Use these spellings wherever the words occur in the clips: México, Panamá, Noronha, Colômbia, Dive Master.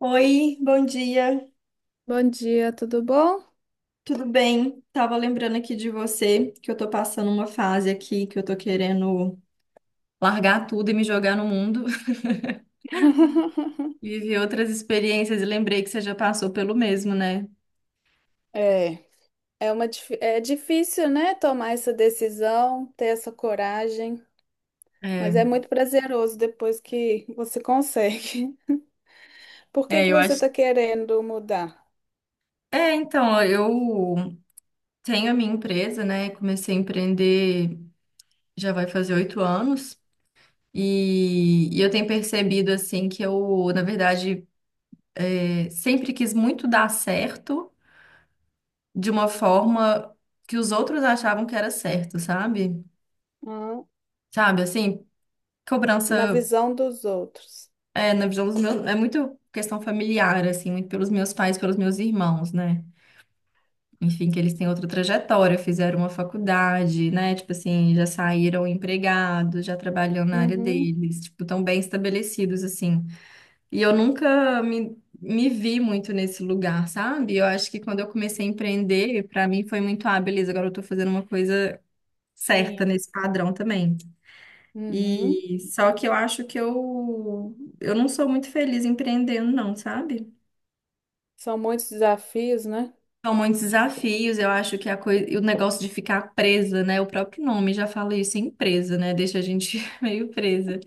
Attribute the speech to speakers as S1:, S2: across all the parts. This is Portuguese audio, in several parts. S1: Oi, bom dia.
S2: Bom dia, tudo bom?
S1: Tudo bem? Tava lembrando aqui de você que eu tô passando uma fase aqui que eu tô querendo largar tudo e me jogar no mundo, viver outras experiências e lembrei que você já passou pelo mesmo, né?
S2: É, é difícil, né, tomar essa decisão, ter essa coragem, mas
S1: É,
S2: é muito prazeroso depois que você consegue. Por que
S1: é,
S2: que
S1: eu
S2: você está
S1: acho.
S2: querendo mudar?
S1: É, então, ó, eu tenho a minha empresa, né? Comecei a empreender já vai fazer 8 anos. E eu tenho percebido, assim, que eu, na verdade, sempre quis muito dar certo de uma forma que os outros achavam que era certo, sabe?
S2: Ah.
S1: Sabe, assim,
S2: Na
S1: cobrança.
S2: visão dos outros.
S1: É, na visão dos meus, é muito questão familiar, assim, muito pelos meus pais, pelos meus irmãos, né? Enfim, que eles têm outra trajetória, fizeram uma faculdade, né? Tipo assim, já saíram empregados, já trabalham na área
S2: Uhum.
S1: deles, tipo, tão bem estabelecidos, assim. E eu nunca me vi muito nesse lugar, sabe? Eu acho que quando eu comecei a empreender, pra mim foi muito, ah, beleza, agora eu tô fazendo uma coisa certa
S2: Minha.
S1: nesse padrão também.
S2: Uhum.
S1: E só que eu acho que eu não sou muito feliz empreendendo, não, sabe?
S2: São muitos desafios, né?
S1: São muitos desafios, eu acho que a coisa, e o negócio de ficar presa, né? O próprio nome já fala isso, empresa, né? Deixa a gente meio presa.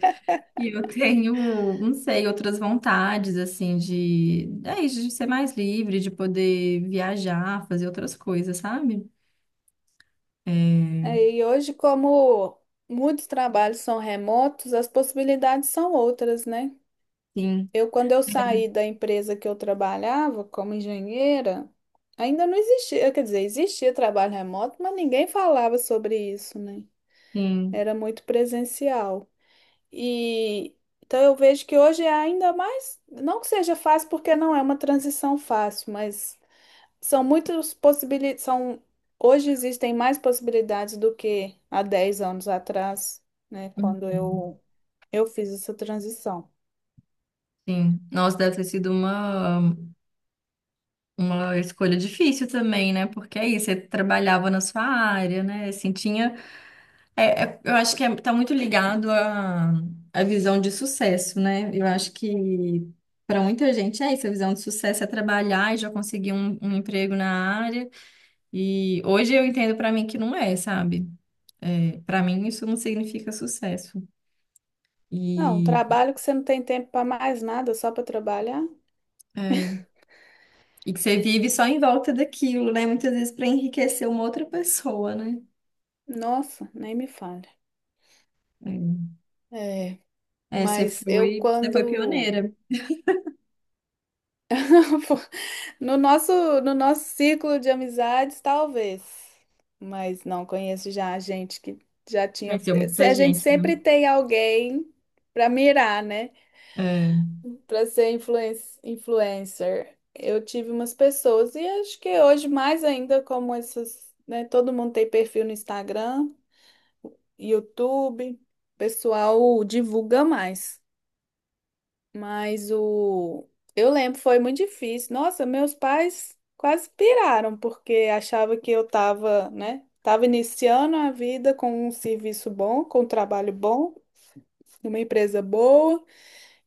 S1: E eu tenho, não sei, outras vontades, assim, de, é isso, de ser mais livre, de poder viajar, fazer outras coisas, sabe? É,
S2: É, e hoje, como muitos trabalhos são remotos, as possibilidades são outras, né?
S1: sim,
S2: Quando eu saí da empresa que eu trabalhava como engenheira, ainda não existia, quer dizer, existia trabalho remoto, mas ninguém falava sobre isso, né?
S1: sim,
S2: Era muito presencial. E então eu vejo que hoje é ainda mais, não que seja fácil, porque não é uma transição fácil, mas são muitas possibilidades, são hoje existem mais possibilidades do que há 10 anos atrás, né? Quando eu fiz essa transição.
S1: sim. Nossa, deve ter sido uma. Uma escolha difícil também, né? Porque aí você trabalhava na sua área, né? Assim, tinha. Eu acho que tá muito ligado à visão de sucesso, né? Eu acho que para muita gente é isso, a visão de sucesso é trabalhar e já conseguir um emprego na área. E hoje eu entendo para mim que não é, sabe? É, para mim isso não significa sucesso.
S2: Não, um
S1: E,
S2: trabalho que você não tem tempo para mais nada, só para trabalhar.
S1: é, e que você vive só em volta daquilo, né? Muitas vezes para enriquecer uma outra pessoa, né?
S2: Nossa, nem me fale.
S1: É.
S2: É,
S1: É, você
S2: mas eu
S1: foi, você foi
S2: quando...
S1: pioneira.
S2: No nosso, no nosso círculo de amizades, talvez. Mas não conheço já a gente que já tinha.
S1: Conheceu
S2: Se
S1: muita
S2: a gente
S1: gente, né?
S2: sempre tem alguém para mirar, né?
S1: É,
S2: Para ser influencer. Eu tive umas pessoas e acho que hoje mais ainda como essas, né? Todo mundo tem perfil no Instagram, YouTube, o pessoal divulga mais. Mas o... Eu lembro, foi muito difícil. Nossa, meus pais quase piraram, porque achavam que eu tava, né? Tava iniciando a vida com um serviço bom, com um trabalho bom, numa empresa boa,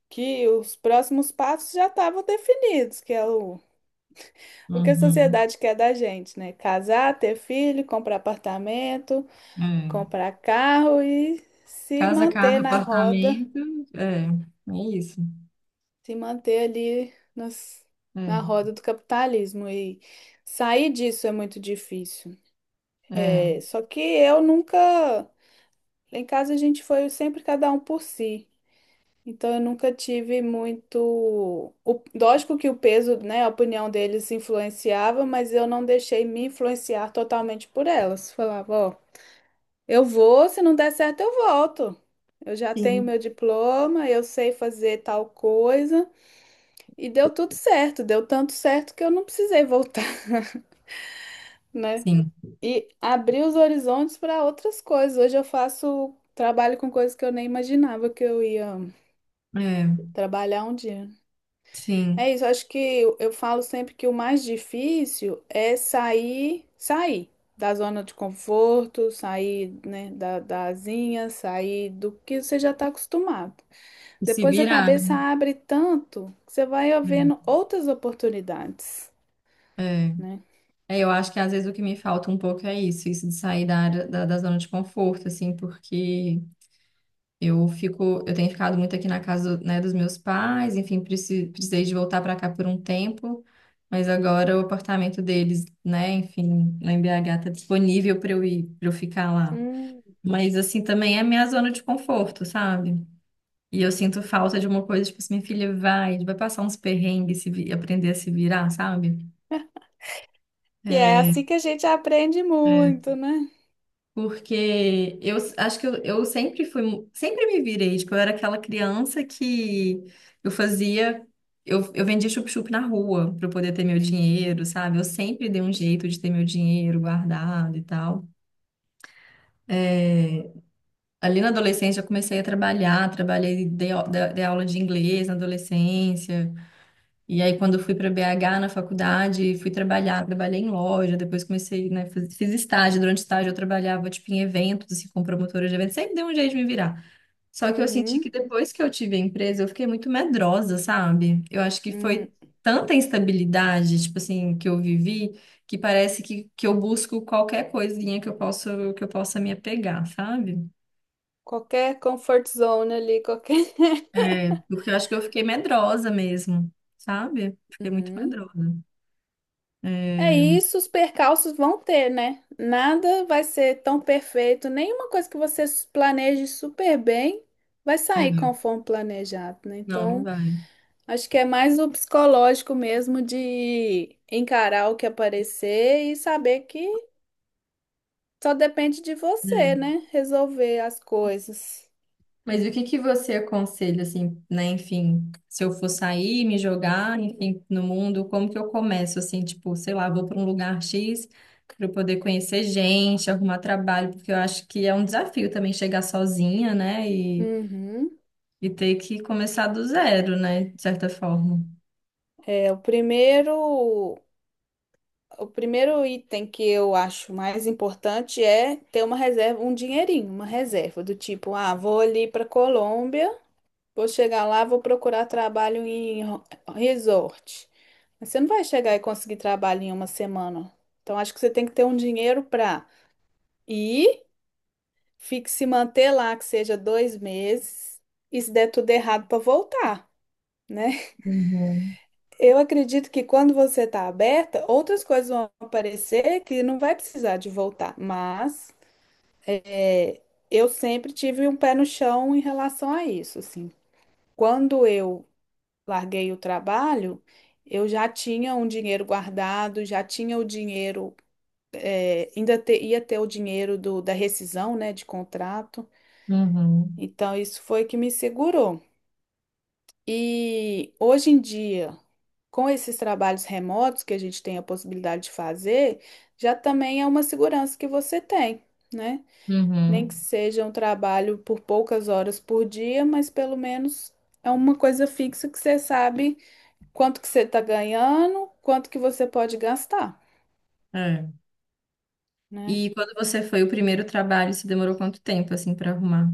S2: que os próximos passos já estavam definidos, que é o que a
S1: uhum,
S2: sociedade quer da gente, né? Casar, ter filho, comprar apartamento,
S1: é.
S2: comprar carro e se
S1: Casa,
S2: manter
S1: carro,
S2: na roda,
S1: apartamento, é, é isso.
S2: se manter ali nas, na
S1: É,
S2: roda do capitalismo. E sair disso é muito difícil.
S1: é.
S2: É, só que eu nunca... Lá em casa a gente foi sempre cada um por si. Então eu nunca tive muito. O, lógico que o peso, né, a opinião deles influenciava, mas eu não deixei me influenciar totalmente por elas. Falava, ó, eu vou, se não der certo, eu volto. Eu já tenho
S1: Sim.
S2: meu diploma, eu sei fazer tal coisa. E deu tudo certo, deu tanto certo que eu não precisei voltar, né?
S1: Sim,
S2: E abri os horizontes para outras coisas. Hoje eu faço trabalho com coisas que eu nem imaginava que eu ia
S1: é,
S2: trabalhar um dia.
S1: sim.
S2: É isso, acho que eu falo sempre que o mais difícil é sair, sair da zona de conforto, sair, né, da asinha, sair do que você já está acostumado.
S1: E se
S2: Depois a
S1: virar,
S2: cabeça
S1: né?
S2: abre tanto que você vai vendo outras oportunidades,
S1: É.
S2: né?
S1: É, eu acho que às vezes o que me falta um pouco é isso de sair da área, da zona de conforto, assim, porque Eu tenho ficado muito aqui na casa, né, dos meus pais, enfim, precisei de voltar para cá por um tempo, mas agora o apartamento deles, né, enfim, lá em BH tá disponível para eu ir, para eu ficar lá.
S2: Hum.
S1: Mas assim também é minha zona de conforto, sabe? E eu sinto falta de uma coisa, tipo assim, minha filha vai passar uns perrengues, se vi- aprender a se virar, sabe?
S2: E é assim que a gente aprende
S1: É,
S2: muito, né?
S1: porque acho que eu sempre fui, sempre me virei, tipo, eu era aquela criança que eu fazia, eu vendia chup-chup na rua para eu poder ter meu dinheiro, sabe? Eu sempre dei um jeito de ter meu dinheiro guardado e tal. É, ali na adolescência eu comecei a trabalhar, trabalhei, dei aula de inglês na adolescência, e aí, quando eu fui para BH na faculdade, fui trabalhar, trabalhei em loja, depois comecei, né, fiz estágio, durante o estágio eu trabalhava, tipo, em eventos, assim, com promotora de eventos, sempre deu um jeito de me virar. Só que eu senti que
S2: Uhum.
S1: depois que eu tive a empresa, eu fiquei muito medrosa, sabe? Eu acho que
S2: Hum.
S1: foi tanta instabilidade, tipo assim, que eu vivi, que parece que eu busco qualquer coisinha que eu possa me apegar, sabe?
S2: Qualquer comfort zone ali, qualquer.
S1: É, porque eu acho que eu fiquei medrosa mesmo, sabe? Fiquei muito
S2: Uhum.
S1: medrosa.
S2: É
S1: É.
S2: isso, os percalços vão ter, né? Nada vai ser tão perfeito, nenhuma coisa que você planeje super bem vai sair
S1: É,
S2: conforme planejado, né?
S1: não, não
S2: Então,
S1: vai.
S2: acho que é mais o psicológico mesmo de encarar o que aparecer e saber que só depende de você,
S1: É.
S2: né? Resolver as coisas.
S1: Mas o que que você aconselha, assim, né? Enfim, se eu for sair, me jogar, enfim, no mundo, como que eu começo, assim, tipo, sei lá, vou para um lugar X para eu poder conhecer gente, arrumar trabalho, porque eu acho que é um desafio também chegar sozinha, né? E,
S2: Uhum.
S1: e ter que começar do zero, né? De certa forma.
S2: É o primeiro item que eu acho mais importante é ter uma reserva, um dinheirinho, uma reserva do tipo, ah, vou ali para Colômbia, vou chegar lá, vou procurar trabalho em resort. Mas você não vai chegar e conseguir trabalho em uma semana. Então acho que você tem que ter um dinheiro para ir, fique se manter lá que seja 2 meses e se der tudo errado para voltar, né?
S1: Uhum,
S2: Eu acredito que quando você está aberta, outras coisas vão aparecer que não vai precisar de voltar. Mas é, eu sempre tive um pé no chão em relação a isso, assim. Quando eu larguei o trabalho, eu já tinha um dinheiro guardado, já tinha o dinheiro, ia ter o dinheiro da rescisão, né, de contrato.
S1: uhum,
S2: Então isso foi que me segurou. E hoje em dia com esses trabalhos remotos que a gente tem a possibilidade de fazer, já também é uma segurança que você tem, né? Nem que
S1: uhum.
S2: seja um trabalho por poucas horas por dia, mas pelo menos é uma coisa fixa que você sabe quanto que você está ganhando, quanto que você pode gastar,
S1: É.
S2: né?
S1: E quando você foi o primeiro trabalho, você demorou quanto tempo, assim, para arrumar?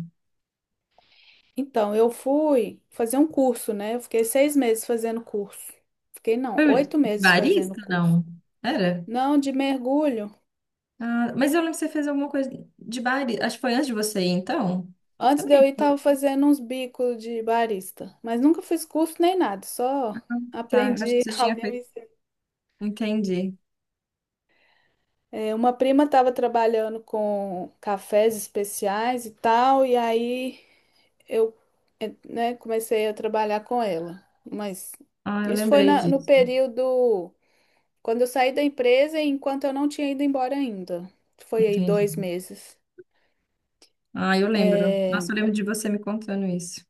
S2: Então, eu fui fazer um curso, né? Eu fiquei 6 meses fazendo curso. Fiquei, não,
S1: Foi
S2: 8 meses fazendo
S1: barista,
S2: curso.
S1: não? Era?
S2: Não, de mergulho.
S1: Ah, mas eu lembro que você fez alguma coisa de bar, acho que foi antes de você ir, então. Você
S2: Antes de eu
S1: lembra?
S2: ir, tava fazendo uns bicos de barista, mas nunca fiz curso nem nada, só
S1: Tá, eu acho que
S2: aprendi.
S1: você tinha
S2: Alguém me
S1: feito.
S2: ensinou.
S1: Entendi.
S2: É, uma prima estava trabalhando com cafés especiais e tal, e aí eu, é, né, comecei a trabalhar com ela. Mas
S1: Ah, eu
S2: isso foi
S1: lembrei
S2: no
S1: disso.
S2: período quando eu saí da empresa e enquanto eu não tinha ido embora ainda. Foi aí
S1: Entendi.
S2: 2 meses.
S1: Ah, eu lembro.
S2: É,
S1: Nossa, eu lembro de você me contando isso.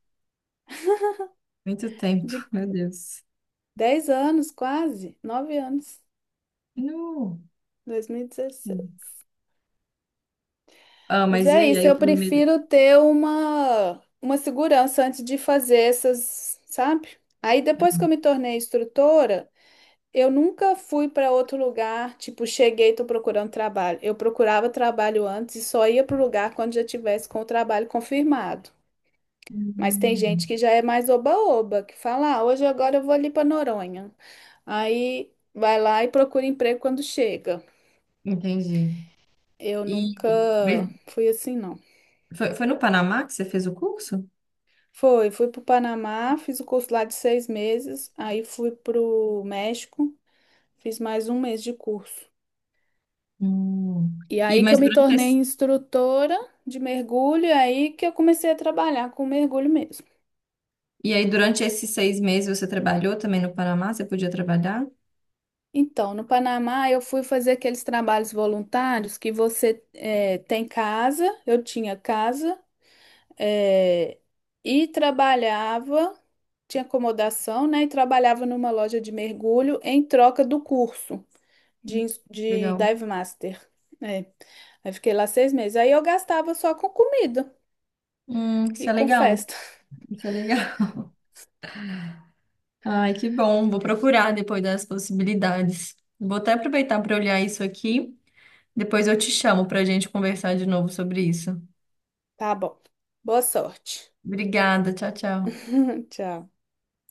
S1: Muito tempo,
S2: de
S1: meu Deus.
S2: 10 anos, quase, 9 anos,
S1: No. Sim.
S2: 2016.
S1: Ah,
S2: Mas
S1: mas e
S2: é
S1: aí?
S2: isso,
S1: Aí o
S2: eu
S1: primeiro.
S2: prefiro ter uma segurança antes de fazer essas, sabe? Aí depois que eu me tornei instrutora, eu nunca fui para outro lugar, tipo, cheguei e tô procurando trabalho. Eu procurava trabalho antes e só ia pro lugar quando já tivesse com o trabalho confirmado. Mas tem gente
S1: Hum,
S2: que já é mais oba-oba, que fala, ah, hoje agora eu vou ali para Noronha. Aí vai lá e procura emprego quando chega.
S1: entendi.
S2: Eu
S1: E
S2: nunca
S1: mas
S2: fui assim, não.
S1: foi no Panamá que você fez o curso?
S2: Foi, fui para o Panamá, fiz o curso lá de 6 meses, aí fui para o México, fiz mais 1 mês de curso.
S1: Hum.
S2: E
S1: E
S2: aí que
S1: mas
S2: eu me tornei instrutora de mergulho, e aí que eu comecei a trabalhar com mergulho mesmo.
S1: durante esses 6 meses você trabalhou também no Panamá? Você podia trabalhar?
S2: Então, no Panamá, eu fui fazer aqueles trabalhos voluntários que você tem casa, eu tinha casa, eh, e trabalhava, tinha acomodação, né? E trabalhava numa loja de mergulho em troca do curso. De
S1: Legal.
S2: Dive Master. É. Aí fiquei lá 6 meses. Aí eu gastava só com comida
S1: Isso
S2: e
S1: é
S2: com
S1: legal.
S2: festa.
S1: Isso é legal. Ai, que bom. Vou procurar depois das possibilidades. Vou até aproveitar para olhar isso aqui. Depois eu te chamo para a gente conversar de novo sobre isso.
S2: Tá bom. Boa sorte.
S1: Obrigada. Tchau, tchau.
S2: Tchau.